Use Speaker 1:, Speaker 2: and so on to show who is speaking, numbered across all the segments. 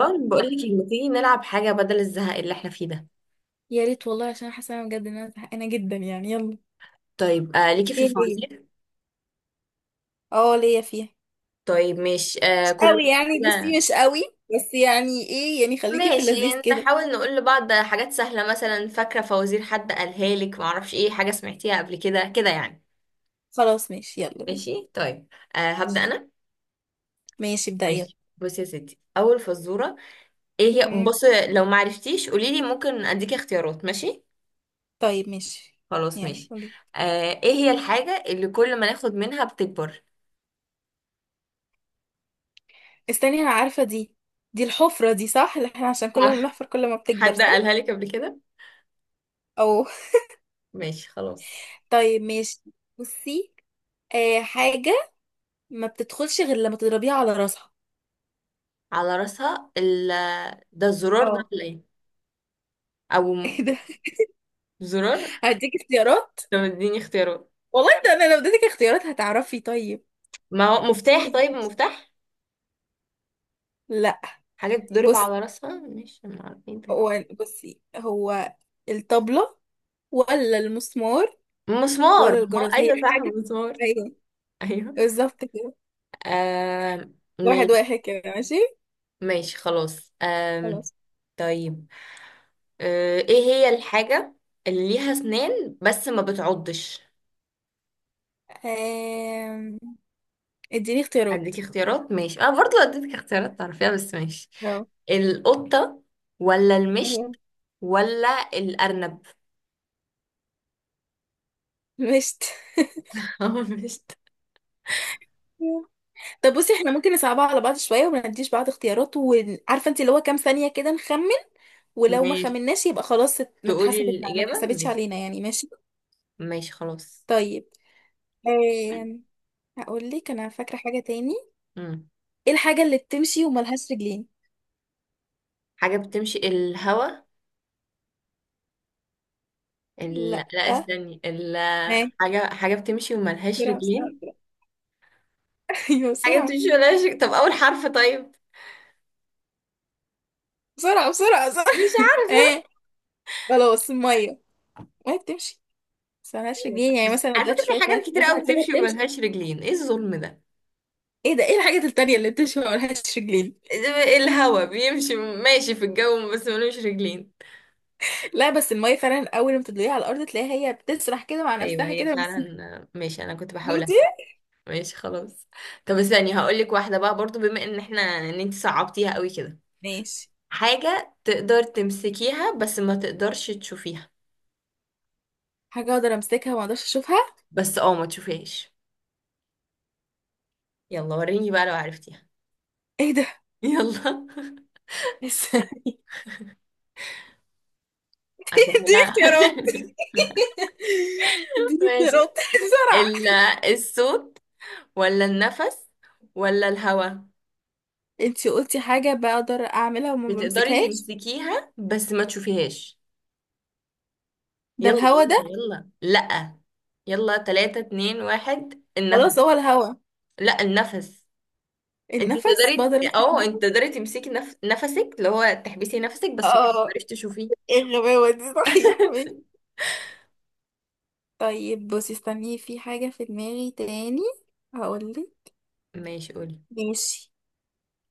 Speaker 1: اه بقول لك إيه، ما تيجي نلعب حاجه بدل الزهق اللي احنا فيه ده؟
Speaker 2: يا ريت والله، عشان حاسه انا بجد ان انا زهقانه جدا يعني. يلا.
Speaker 1: طيب آه ليكي في
Speaker 2: ايه هي؟
Speaker 1: الفوازير.
Speaker 2: اه، ليا فيها.
Speaker 1: طيب ماشي، آه
Speaker 2: مش
Speaker 1: كل
Speaker 2: قوي
Speaker 1: واحد
Speaker 2: يعني،
Speaker 1: كده.
Speaker 2: بصي، مش قوي. بس يعني ايه، يعني خليكي في
Speaker 1: ماشي،
Speaker 2: اللذيذ كده.
Speaker 1: نحاول نقول لبعض حاجات سهله، مثلا فاكره فوازير حد قالها لك، ما اعرفش ايه حاجه سمعتيها قبل كده يعني.
Speaker 2: خلاص، ماشي، يلا بينا.
Speaker 1: ماشي طيب، آه هبدا انا.
Speaker 2: ماشي، ابدأ، يلا.
Speaker 1: ماشي بصي يا ستي، اول فزوره. ايه هي،
Speaker 2: مم.
Speaker 1: بصي لو ما عرفتيش قولي لي، ممكن اديكي اختيارات ماشي.
Speaker 2: طيب، ماشي.
Speaker 1: خلاص
Speaker 2: يلا
Speaker 1: ماشي.
Speaker 2: قولي.
Speaker 1: آه ايه هي الحاجه اللي كل ما ناخد منها بتكبر؟
Speaker 2: استني، انا عارفه دي. دي الحفره دي، صح؟ اللي احنا عشان كل ما
Speaker 1: صح.
Speaker 2: بنحفر كل ما بتكبر،
Speaker 1: حد
Speaker 2: صح؟
Speaker 1: قالها لك قبل كده؟
Speaker 2: او.
Speaker 1: ماشي خلاص.
Speaker 2: طيب، ماشي. بصي. حاجه ما بتدخلش غير لما تضربيها على راسها.
Speaker 1: على راسها ده الزرار ده
Speaker 2: اه.
Speaker 1: ولا ايه؟ او م-
Speaker 2: ايه ده؟
Speaker 1: زرار.
Speaker 2: هديك اختيارات.
Speaker 1: طب اديني اختيارات.
Speaker 2: والله انا لو اديتك اختيارات هتعرفي. طيب،
Speaker 1: ما هو مفتاح، طيب مفتاح.
Speaker 2: لا.
Speaker 1: حاجة بتضرب
Speaker 2: بص،
Speaker 1: على راسها، مش ما ايه ده،
Speaker 2: هو، بصي، هو الطبلة ولا المسمار
Speaker 1: مسمار.
Speaker 2: ولا
Speaker 1: ما هو-
Speaker 2: الجرس؟ هي
Speaker 1: ايوه صح
Speaker 2: حاجة.
Speaker 1: مسمار.
Speaker 2: ايوه،
Speaker 1: ايوه.
Speaker 2: بالظبط كده.
Speaker 1: آم...
Speaker 2: واحد
Speaker 1: ماشي.
Speaker 2: واحد كده، ماشي.
Speaker 1: ماشي خلاص.
Speaker 2: خلاص.
Speaker 1: طيب. ايه هي الحاجة اللي ليها اسنان بس ما بتعضش؟
Speaker 2: آم... اديني اختيارات.
Speaker 1: اديك اختيارات ماشي، انا برضو اديتك اختيارات تعرفيها بس ماشي.
Speaker 2: اه.
Speaker 1: القطة، ولا المشت،
Speaker 2: تمام.
Speaker 1: ولا الأرنب؟
Speaker 2: مشت.
Speaker 1: مش
Speaker 2: طب بصي، احنا ممكن نصعبها على بعض شوية وما نديش بعض اختيارات، وعارفة انت اللي هو كام ثانية كده نخمن. ولو ما
Speaker 1: ماشي.
Speaker 2: خمناش يبقى خلاص،
Speaker 1: تقولي
Speaker 2: ما
Speaker 1: الإجابة
Speaker 2: اتحسبتش
Speaker 1: ماشي.
Speaker 2: علينا، يعني، ماشي.
Speaker 1: ماشي خلاص.
Speaker 2: طيب. آم... هقول لك، انا فاكره حاجه تاني.
Speaker 1: مم.
Speaker 2: ايه الحاجه اللي بتمشي وملهاش رجلين؟
Speaker 1: حاجة بتمشي الهوا.
Speaker 2: لا،
Speaker 1: لا
Speaker 2: ها.
Speaker 1: استني، حاجة بتمشي وملهاش
Speaker 2: بسرعه بسرعه
Speaker 1: رجلين.
Speaker 2: بسرعه. ايوه،
Speaker 1: حاجة
Speaker 2: بسرعه
Speaker 1: بتمشي وملهاش رجلين، طب أول حرف طيب.
Speaker 2: بسرعه بسرعه بسرعه.
Speaker 1: مش عارفة.
Speaker 2: ها. خلاص، الميه. الميه بتمشي بس ملهاش
Speaker 1: أيوة صح،
Speaker 2: رجلين. يعني
Speaker 1: بس
Speaker 2: مثلا لو
Speaker 1: على فكرة
Speaker 2: دلوقتي
Speaker 1: في
Speaker 2: شويه
Speaker 1: حاجات
Speaker 2: ميه في
Speaker 1: كتير
Speaker 2: الارض،
Speaker 1: أوي
Speaker 2: هتلاقيها
Speaker 1: بتمشي
Speaker 2: بتمشي.
Speaker 1: وملهاش رجلين، إيه الظلم ده؟
Speaker 2: ايه ده؟ ايه الحاجه التانيه اللي بتمشي وملهاش رجلين؟
Speaker 1: إيه، الهوا بيمشي، ماشي في الجو بس ملوش رجلين.
Speaker 2: لا، بس الميه فعلا اول ما تدلقيها على الارض تلاقيها هي بتسرح كده مع
Speaker 1: أيوة
Speaker 2: نفسها
Speaker 1: هي
Speaker 2: كده بس.
Speaker 1: فعلا ماشي، أنا كنت بحاول.
Speaker 2: دوتي.
Speaker 1: ماشي خلاص. طب استني هقولك واحدة بقى برضو، بما ان احنا ان انت صعبتيها قوي كده.
Speaker 2: ماشي.
Speaker 1: حاجة تقدر تمسكيها بس ما تقدرش تشوفيها.
Speaker 2: حاجه اقدر امسكها وما اقدرش اشوفها.
Speaker 1: بس اه ما تشوفيهاش. يلا وريني بقى لو عرفتيها.
Speaker 2: ايه ده؟
Speaker 1: يلا،
Speaker 2: لسه. اديني
Speaker 1: اسهلها.
Speaker 2: اختيارات. اديني
Speaker 1: ماشي.
Speaker 2: اختيارات. بسرعه.
Speaker 1: ال- الصوت، ولا النفس، ولا الهوا؟
Speaker 2: انتي قلتي حاجة بقدر اعملها وما
Speaker 1: بتقدري
Speaker 2: بمسكهاش؟
Speaker 1: تمسكيها بس ما تشوفيهاش.
Speaker 2: ده
Speaker 1: يلا
Speaker 2: الهوا
Speaker 1: يلا
Speaker 2: ده.
Speaker 1: يلا لأ. يلا تلاتة اتنين واحد، النفس.
Speaker 2: خلاص، هو الهوا.
Speaker 1: لأ النفس. انت
Speaker 2: النفس؟
Speaker 1: تقدري،
Speaker 2: بقدر امسك
Speaker 1: اه انت
Speaker 2: النفس.
Speaker 1: تقدري تمسكي نفسك، اللي هو تحبسي نفسك بس ما
Speaker 2: اه.
Speaker 1: تقدريش تشوفيه.
Speaker 2: ايه الغباوة دي؟ صحيح ماشي. طيب بصي، استني، في حاجة في دماغي تاني. هقولك.
Speaker 1: ماشي قولي.
Speaker 2: ماشي.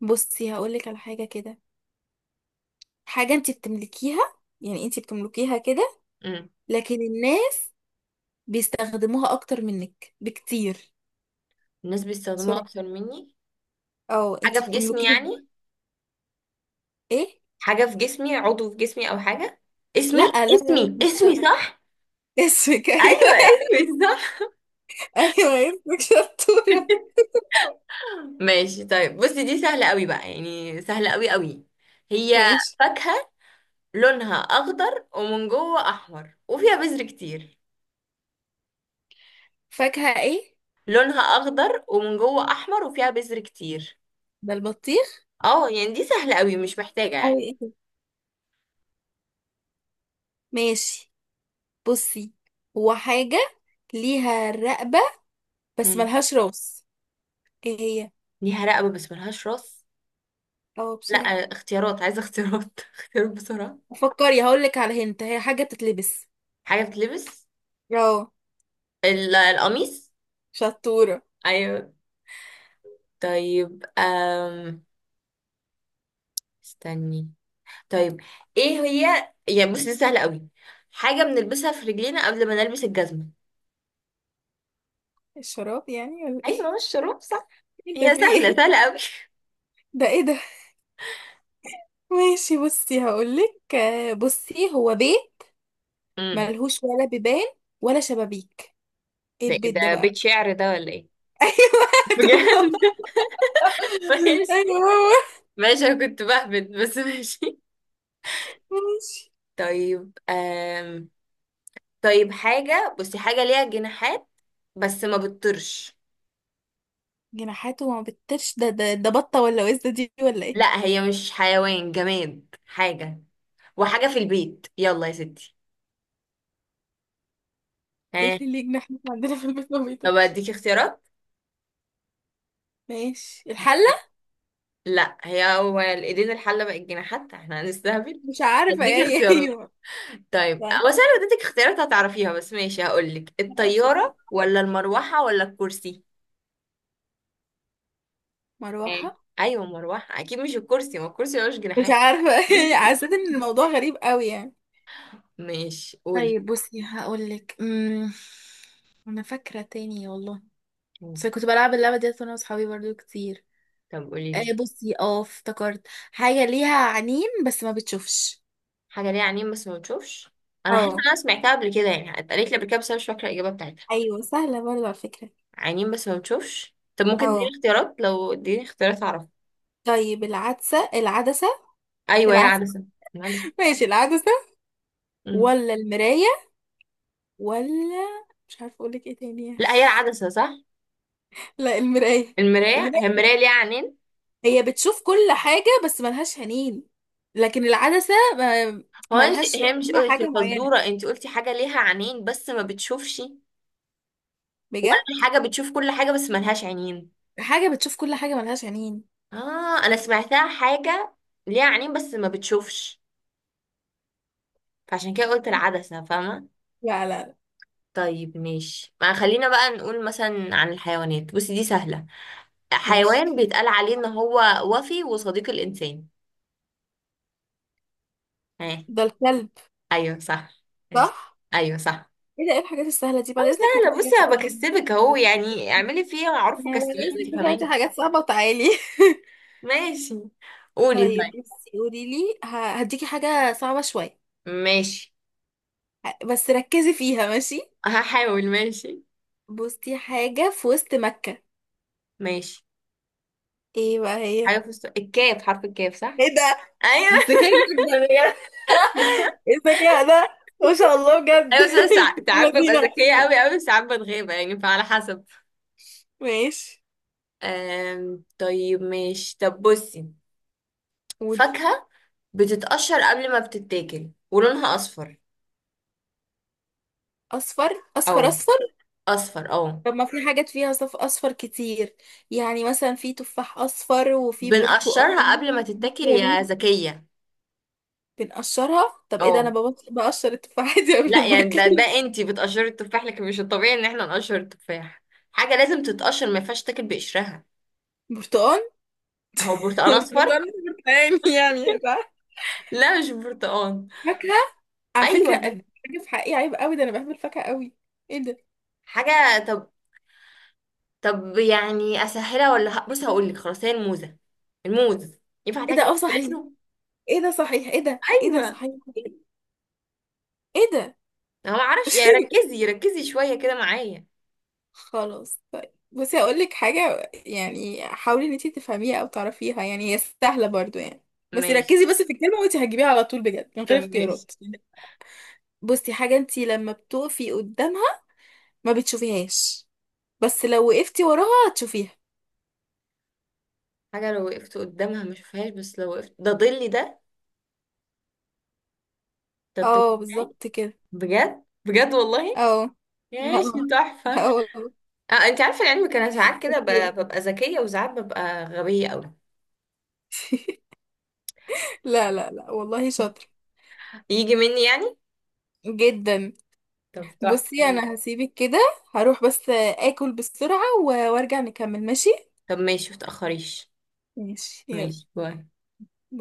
Speaker 2: بصي، هقولك على حاجة كده. حاجة انتي بتملكيها. يعني انتي بتملكيها كده،
Speaker 1: امم.
Speaker 2: لكن الناس بيستخدموها اكتر منك بكتير.
Speaker 1: الناس بيستخدموها
Speaker 2: بسرعة.
Speaker 1: اكتر مني.
Speaker 2: اه،
Speaker 1: حاجه
Speaker 2: انتي
Speaker 1: في جسمي
Speaker 2: بتملكيها.
Speaker 1: يعني؟
Speaker 2: ايه.
Speaker 1: حاجه في جسمي، عضو في جسمي او حاجه؟ اسمي.
Speaker 2: لا لا لا،
Speaker 1: اسمي
Speaker 2: مش
Speaker 1: اسمي صح.
Speaker 2: اسمك؟ ايوه.
Speaker 1: ايوه اسمي صح.
Speaker 2: ايوه، اسمك، شطورة.
Speaker 1: ماشي طيب بصي، دي سهله قوي بقى يعني سهله قوي قوي. هي
Speaker 2: ماشي.
Speaker 1: فاكهه، لونها اخضر ومن جوه احمر وفيها بذر كتير.
Speaker 2: فاكهة ايه؟
Speaker 1: لونها اخضر ومن جوه احمر وفيها بذر كتير.
Speaker 2: ده البطيخ.
Speaker 1: اه يعني دي سهلة قوي مش محتاجة يعني.
Speaker 2: أوي، إيه ده؟ ماشي. بصي. هو حاجة ليها رقبة بس
Speaker 1: مم.
Speaker 2: ملهاش راس. ايه هي؟
Speaker 1: ليها رقبة بس ملهاش راس.
Speaker 2: اه،
Speaker 1: لا،
Speaker 2: بسرعة.
Speaker 1: اختيارات، عايزة اختيارات. اختيارات بسرعة.
Speaker 2: فكري، هقولك على هنت، هي حاجة بتتلبس.
Speaker 1: حاجة بتلبس.
Speaker 2: اه،
Speaker 1: القميص.
Speaker 2: شطورة.
Speaker 1: ايوه. طيب استني. طيب ايه هي يعني، بص دي سهلة قوي. حاجة بنلبسها في رجلينا قبل ما نلبس الجزمة.
Speaker 2: الشراب يعني، ولا ايه؟
Speaker 1: ايوه مش الشروب صح؟
Speaker 2: انت
Speaker 1: هي
Speaker 2: في
Speaker 1: سهلة
Speaker 2: ايه؟
Speaker 1: سهلة قوي.
Speaker 2: ده ايه ده؟ ماشي بصي، هقولك، بصي، هو بيت
Speaker 1: امم،
Speaker 2: ملهوش ولا بيبان ولا شبابيك. ايه
Speaker 1: ده
Speaker 2: البيت ده
Speaker 1: ده
Speaker 2: بقى؟
Speaker 1: بيت شعر ده ولا ايه؟
Speaker 2: ايوه.
Speaker 1: بجد.
Speaker 2: طب،
Speaker 1: ماشي.
Speaker 2: ايوه هو.
Speaker 1: ماشي انا كنت بهبد بس ماشي.
Speaker 2: ماشي.
Speaker 1: طيب طيب حاجة، بصي حاجة ليها جناحات بس ما بتطيرش.
Speaker 2: جناحاته ما بتطيرش، ده بطة ولا وزة دي ولا ايه؟
Speaker 1: لا هي مش حيوان، جماد حاجة وحاجة في البيت. يلا يا ستي،
Speaker 2: ايه
Speaker 1: ها.
Speaker 2: اللي ليه جناح احنا عندنا في البيت ما
Speaker 1: طب
Speaker 2: بيطيرش؟
Speaker 1: اديكي اختيارات.
Speaker 2: ماشي، الحلة.
Speaker 1: لا هي، هو الايدين الحلة بقت جناحات، احنا هنستهبل.
Speaker 2: مش عارفة
Speaker 1: اديكي
Speaker 2: يعني.
Speaker 1: اختيارات
Speaker 2: ايوه.
Speaker 1: طيب.
Speaker 2: يعني،
Speaker 1: هو انا لو اديتك اختيارات هتعرفيها، بس ماشي هقولك،
Speaker 2: لا، بسرعة،
Speaker 1: الطيارة ولا المروحة ولا الكرسي؟ ها.
Speaker 2: مروحة.
Speaker 1: ايوه مروحة اكيد، مش الكرسي، ما الكرسي ملوش
Speaker 2: مش
Speaker 1: جناحات.
Speaker 2: عارفة. حسيت ان الموضوع غريب قوي يعني.
Speaker 1: ماشي قولي.
Speaker 2: طيب بصي، هقولك، انا فاكره تاني والله. بس كنت بلعب اللعبه ديت انا واصحابي برضو كتير.
Speaker 1: طب قولي لي،
Speaker 2: بصي، افتكرت حاجه ليها عينين بس ما بتشوفش.
Speaker 1: حاجة ليها عينين بس ما بتشوفش. أنا حاسة إن
Speaker 2: اه.
Speaker 1: أنا سمعتها قبل كده يعني، اتقالت لي قبل كده بس أنا مش فاكرة الإجابة بتاعتها.
Speaker 2: ايوه، سهلة برضه على فكرة.
Speaker 1: عينين بس ما بتشوفش، طب ممكن تديني
Speaker 2: اه،
Speaker 1: اختيارات، لو اديني اختيارات أعرف.
Speaker 2: طيب، العدسة العدسة.
Speaker 1: أيوه هي
Speaker 2: العدسة.
Speaker 1: العدسة. العدسة.
Speaker 2: ماشي، العدسة
Speaker 1: مم.
Speaker 2: ولا المراية، ولا مش عارفة اقولك ايه تاني يعني.
Speaker 1: لا هي العدسة صح.
Speaker 2: لا، المراية.
Speaker 1: المراية، هي
Speaker 2: المراية
Speaker 1: المراية ليها عينين؟
Speaker 2: هي بتشوف كل حاجة بس ملهاش عينين، لكن العدسة ملهاش.
Speaker 1: هي مش
Speaker 2: ليها
Speaker 1: قلت في
Speaker 2: حاجة معينة؟
Speaker 1: الفزورة أنت قلتي حاجة ليها عينين بس ما بتشوفش؟
Speaker 2: بجد؟
Speaker 1: ولا حاجة بتشوف كل حاجة بس ملهاش عينين؟
Speaker 2: حاجة بتشوف كل حاجة ملهاش عينين.
Speaker 1: آه أنا سمعتها حاجة ليها عينين بس ما بتشوفش، فعشان كده قلت العدسة، فاهمة؟
Speaker 2: لا لا لا.
Speaker 1: طيب ماشي، ما خلينا بقى نقول مثلا عن الحيوانات، بصي دي سهلة.
Speaker 2: ماشي.
Speaker 1: حيوان بيتقال عليه ان هو وفي وصديق الانسان. ها.
Speaker 2: ده الكلب.
Speaker 1: ايوه صح. ماشي.
Speaker 2: صح.
Speaker 1: ايوه صح.
Speaker 2: ايه ده؟ ايه الحاجات السهلة دي؟
Speaker 1: اه
Speaker 2: بعد اذنك، هاتي
Speaker 1: سهلة، بصي
Speaker 2: حاجات
Speaker 1: انا
Speaker 2: اصعب.
Speaker 1: بكسبك اهو
Speaker 2: طيب.
Speaker 1: يعني، اعملي فيها معروف
Speaker 2: يعني بعد
Speaker 1: وكسبيني انت
Speaker 2: اذنك هاتي
Speaker 1: كمان.
Speaker 2: حاجات صعبة وتعالي.
Speaker 1: ماشي قولي
Speaker 2: طيب
Speaker 1: طيب.
Speaker 2: بصي، قولي لي، هديكي حاجة صعبة شوية.
Speaker 1: ماشي
Speaker 2: بس ركزي فيها، ماشي.
Speaker 1: هحاول ماشي.
Speaker 2: بصي، حاجة في وسط مكة.
Speaker 1: ماشي
Speaker 2: ايه بقى هي؟
Speaker 1: حاجة
Speaker 2: ايه؟
Speaker 1: في الكاف، حرف الكاف صح؟
Speaker 2: ده. ده
Speaker 1: ايوه.
Speaker 2: الذكاء جدا بجد. ايه الذكاء ده، ما شاء الله، بجد.
Speaker 1: ايوه بس انا ساعات ببقى
Speaker 2: مدينة.
Speaker 1: ذكية قوي قوي، ساعات بتغيب يعني فعلى حسب.
Speaker 2: ماشي،
Speaker 1: آم، طيب ماشي. طب بصي،
Speaker 2: قولي.
Speaker 1: فاكهة بتتقشر قبل ما بتتاكل ولونها أصفر.
Speaker 2: اصفر اصفر
Speaker 1: أو
Speaker 2: اصفر.
Speaker 1: أصفر أو.
Speaker 2: طب ما في حاجات فيها اصفر كتير. يعني مثلا في تفاح اصفر وفي
Speaker 1: بنقشرها
Speaker 2: برتقال.
Speaker 1: قبل ما تتاكل يا ذكية.
Speaker 2: بنقشرها؟ طب ايه ده؟ انا
Speaker 1: أو
Speaker 2: بقشر التفاحة دي
Speaker 1: لا
Speaker 2: قبل ما
Speaker 1: يعني، ده ده
Speaker 2: اكل.
Speaker 1: انتي بتقشري التفاح لكن مش الطبيعي ان احنا نقشر التفاح، حاجة لازم تتقشر ما ينفعش تاكل بقشرها.
Speaker 2: برتقال.
Speaker 1: هو برتقال
Speaker 2: البرتقال
Speaker 1: أصفر؟
Speaker 2: مش برتقاني يعني، صح؟
Speaker 1: لا مش برتقال.
Speaker 2: فاكهه. على فكره،
Speaker 1: أيوة.
Speaker 2: قد حاجه في حقي عيب قوي، ده انا بحب الفاكهه قوي. ايه ده؟
Speaker 1: حاجة طب، طب يعني أسهلها ولا بصي هقولك، خلاص هي الموزة، الموز، ينفع
Speaker 2: ايه ده؟
Speaker 1: تاكل
Speaker 2: اه،
Speaker 1: واحد
Speaker 2: صحيح.
Speaker 1: بقشره؟
Speaker 2: ايه ده؟ صحيح. ايه ده؟ ايه ده؟
Speaker 1: أيوة.
Speaker 2: صحيح. ايه ده؟
Speaker 1: انا ما اعرفش يعني، ركزي ركزي شويه كده معايا.
Speaker 2: خلاص، طيب بصي، هقول لك حاجه، يعني حاولي ان انتي تفهميها او تعرفيها، يعني هي سهله برضو يعني. بس
Speaker 1: ماشي.
Speaker 2: ركزي بس في الكلمه، وانتي هتجيبيها على طول بجد من
Speaker 1: طب
Speaker 2: غير
Speaker 1: ماشي.
Speaker 2: اختيارات. بصي، حاجه انتي لما بتقفي قدامها ما بتشوفيهاش، بس لو وقفتي وراها هتشوفيها.
Speaker 1: حاجه لو وقفت قدامها ما اشوفهاش بس لو وقفت، ده ظلي ده، ده الظل
Speaker 2: اه،
Speaker 1: بتاعي.
Speaker 2: بالظبط كده.
Speaker 1: بجد بجد والله.
Speaker 2: اه. لا
Speaker 1: ماشي تحفه.
Speaker 2: لا والله.
Speaker 1: آه انت عارفه العلم انا ساعات كده
Speaker 2: شطور.
Speaker 1: ببقى ذكيه وساعات ببقى غبيه قوي.
Speaker 2: لا لا لا والله. شاطر
Speaker 1: يجي مني يعني.
Speaker 2: جدا.
Speaker 1: طب تحفة
Speaker 2: بصي، انا
Speaker 1: ماشي.
Speaker 2: هسيبك كده. هروح بس اكل بسرعة وارجع نكمل، ماشي.
Speaker 1: طب ماشي متأخريش.
Speaker 2: ماشي، يلا.
Speaker 1: ماشي باي.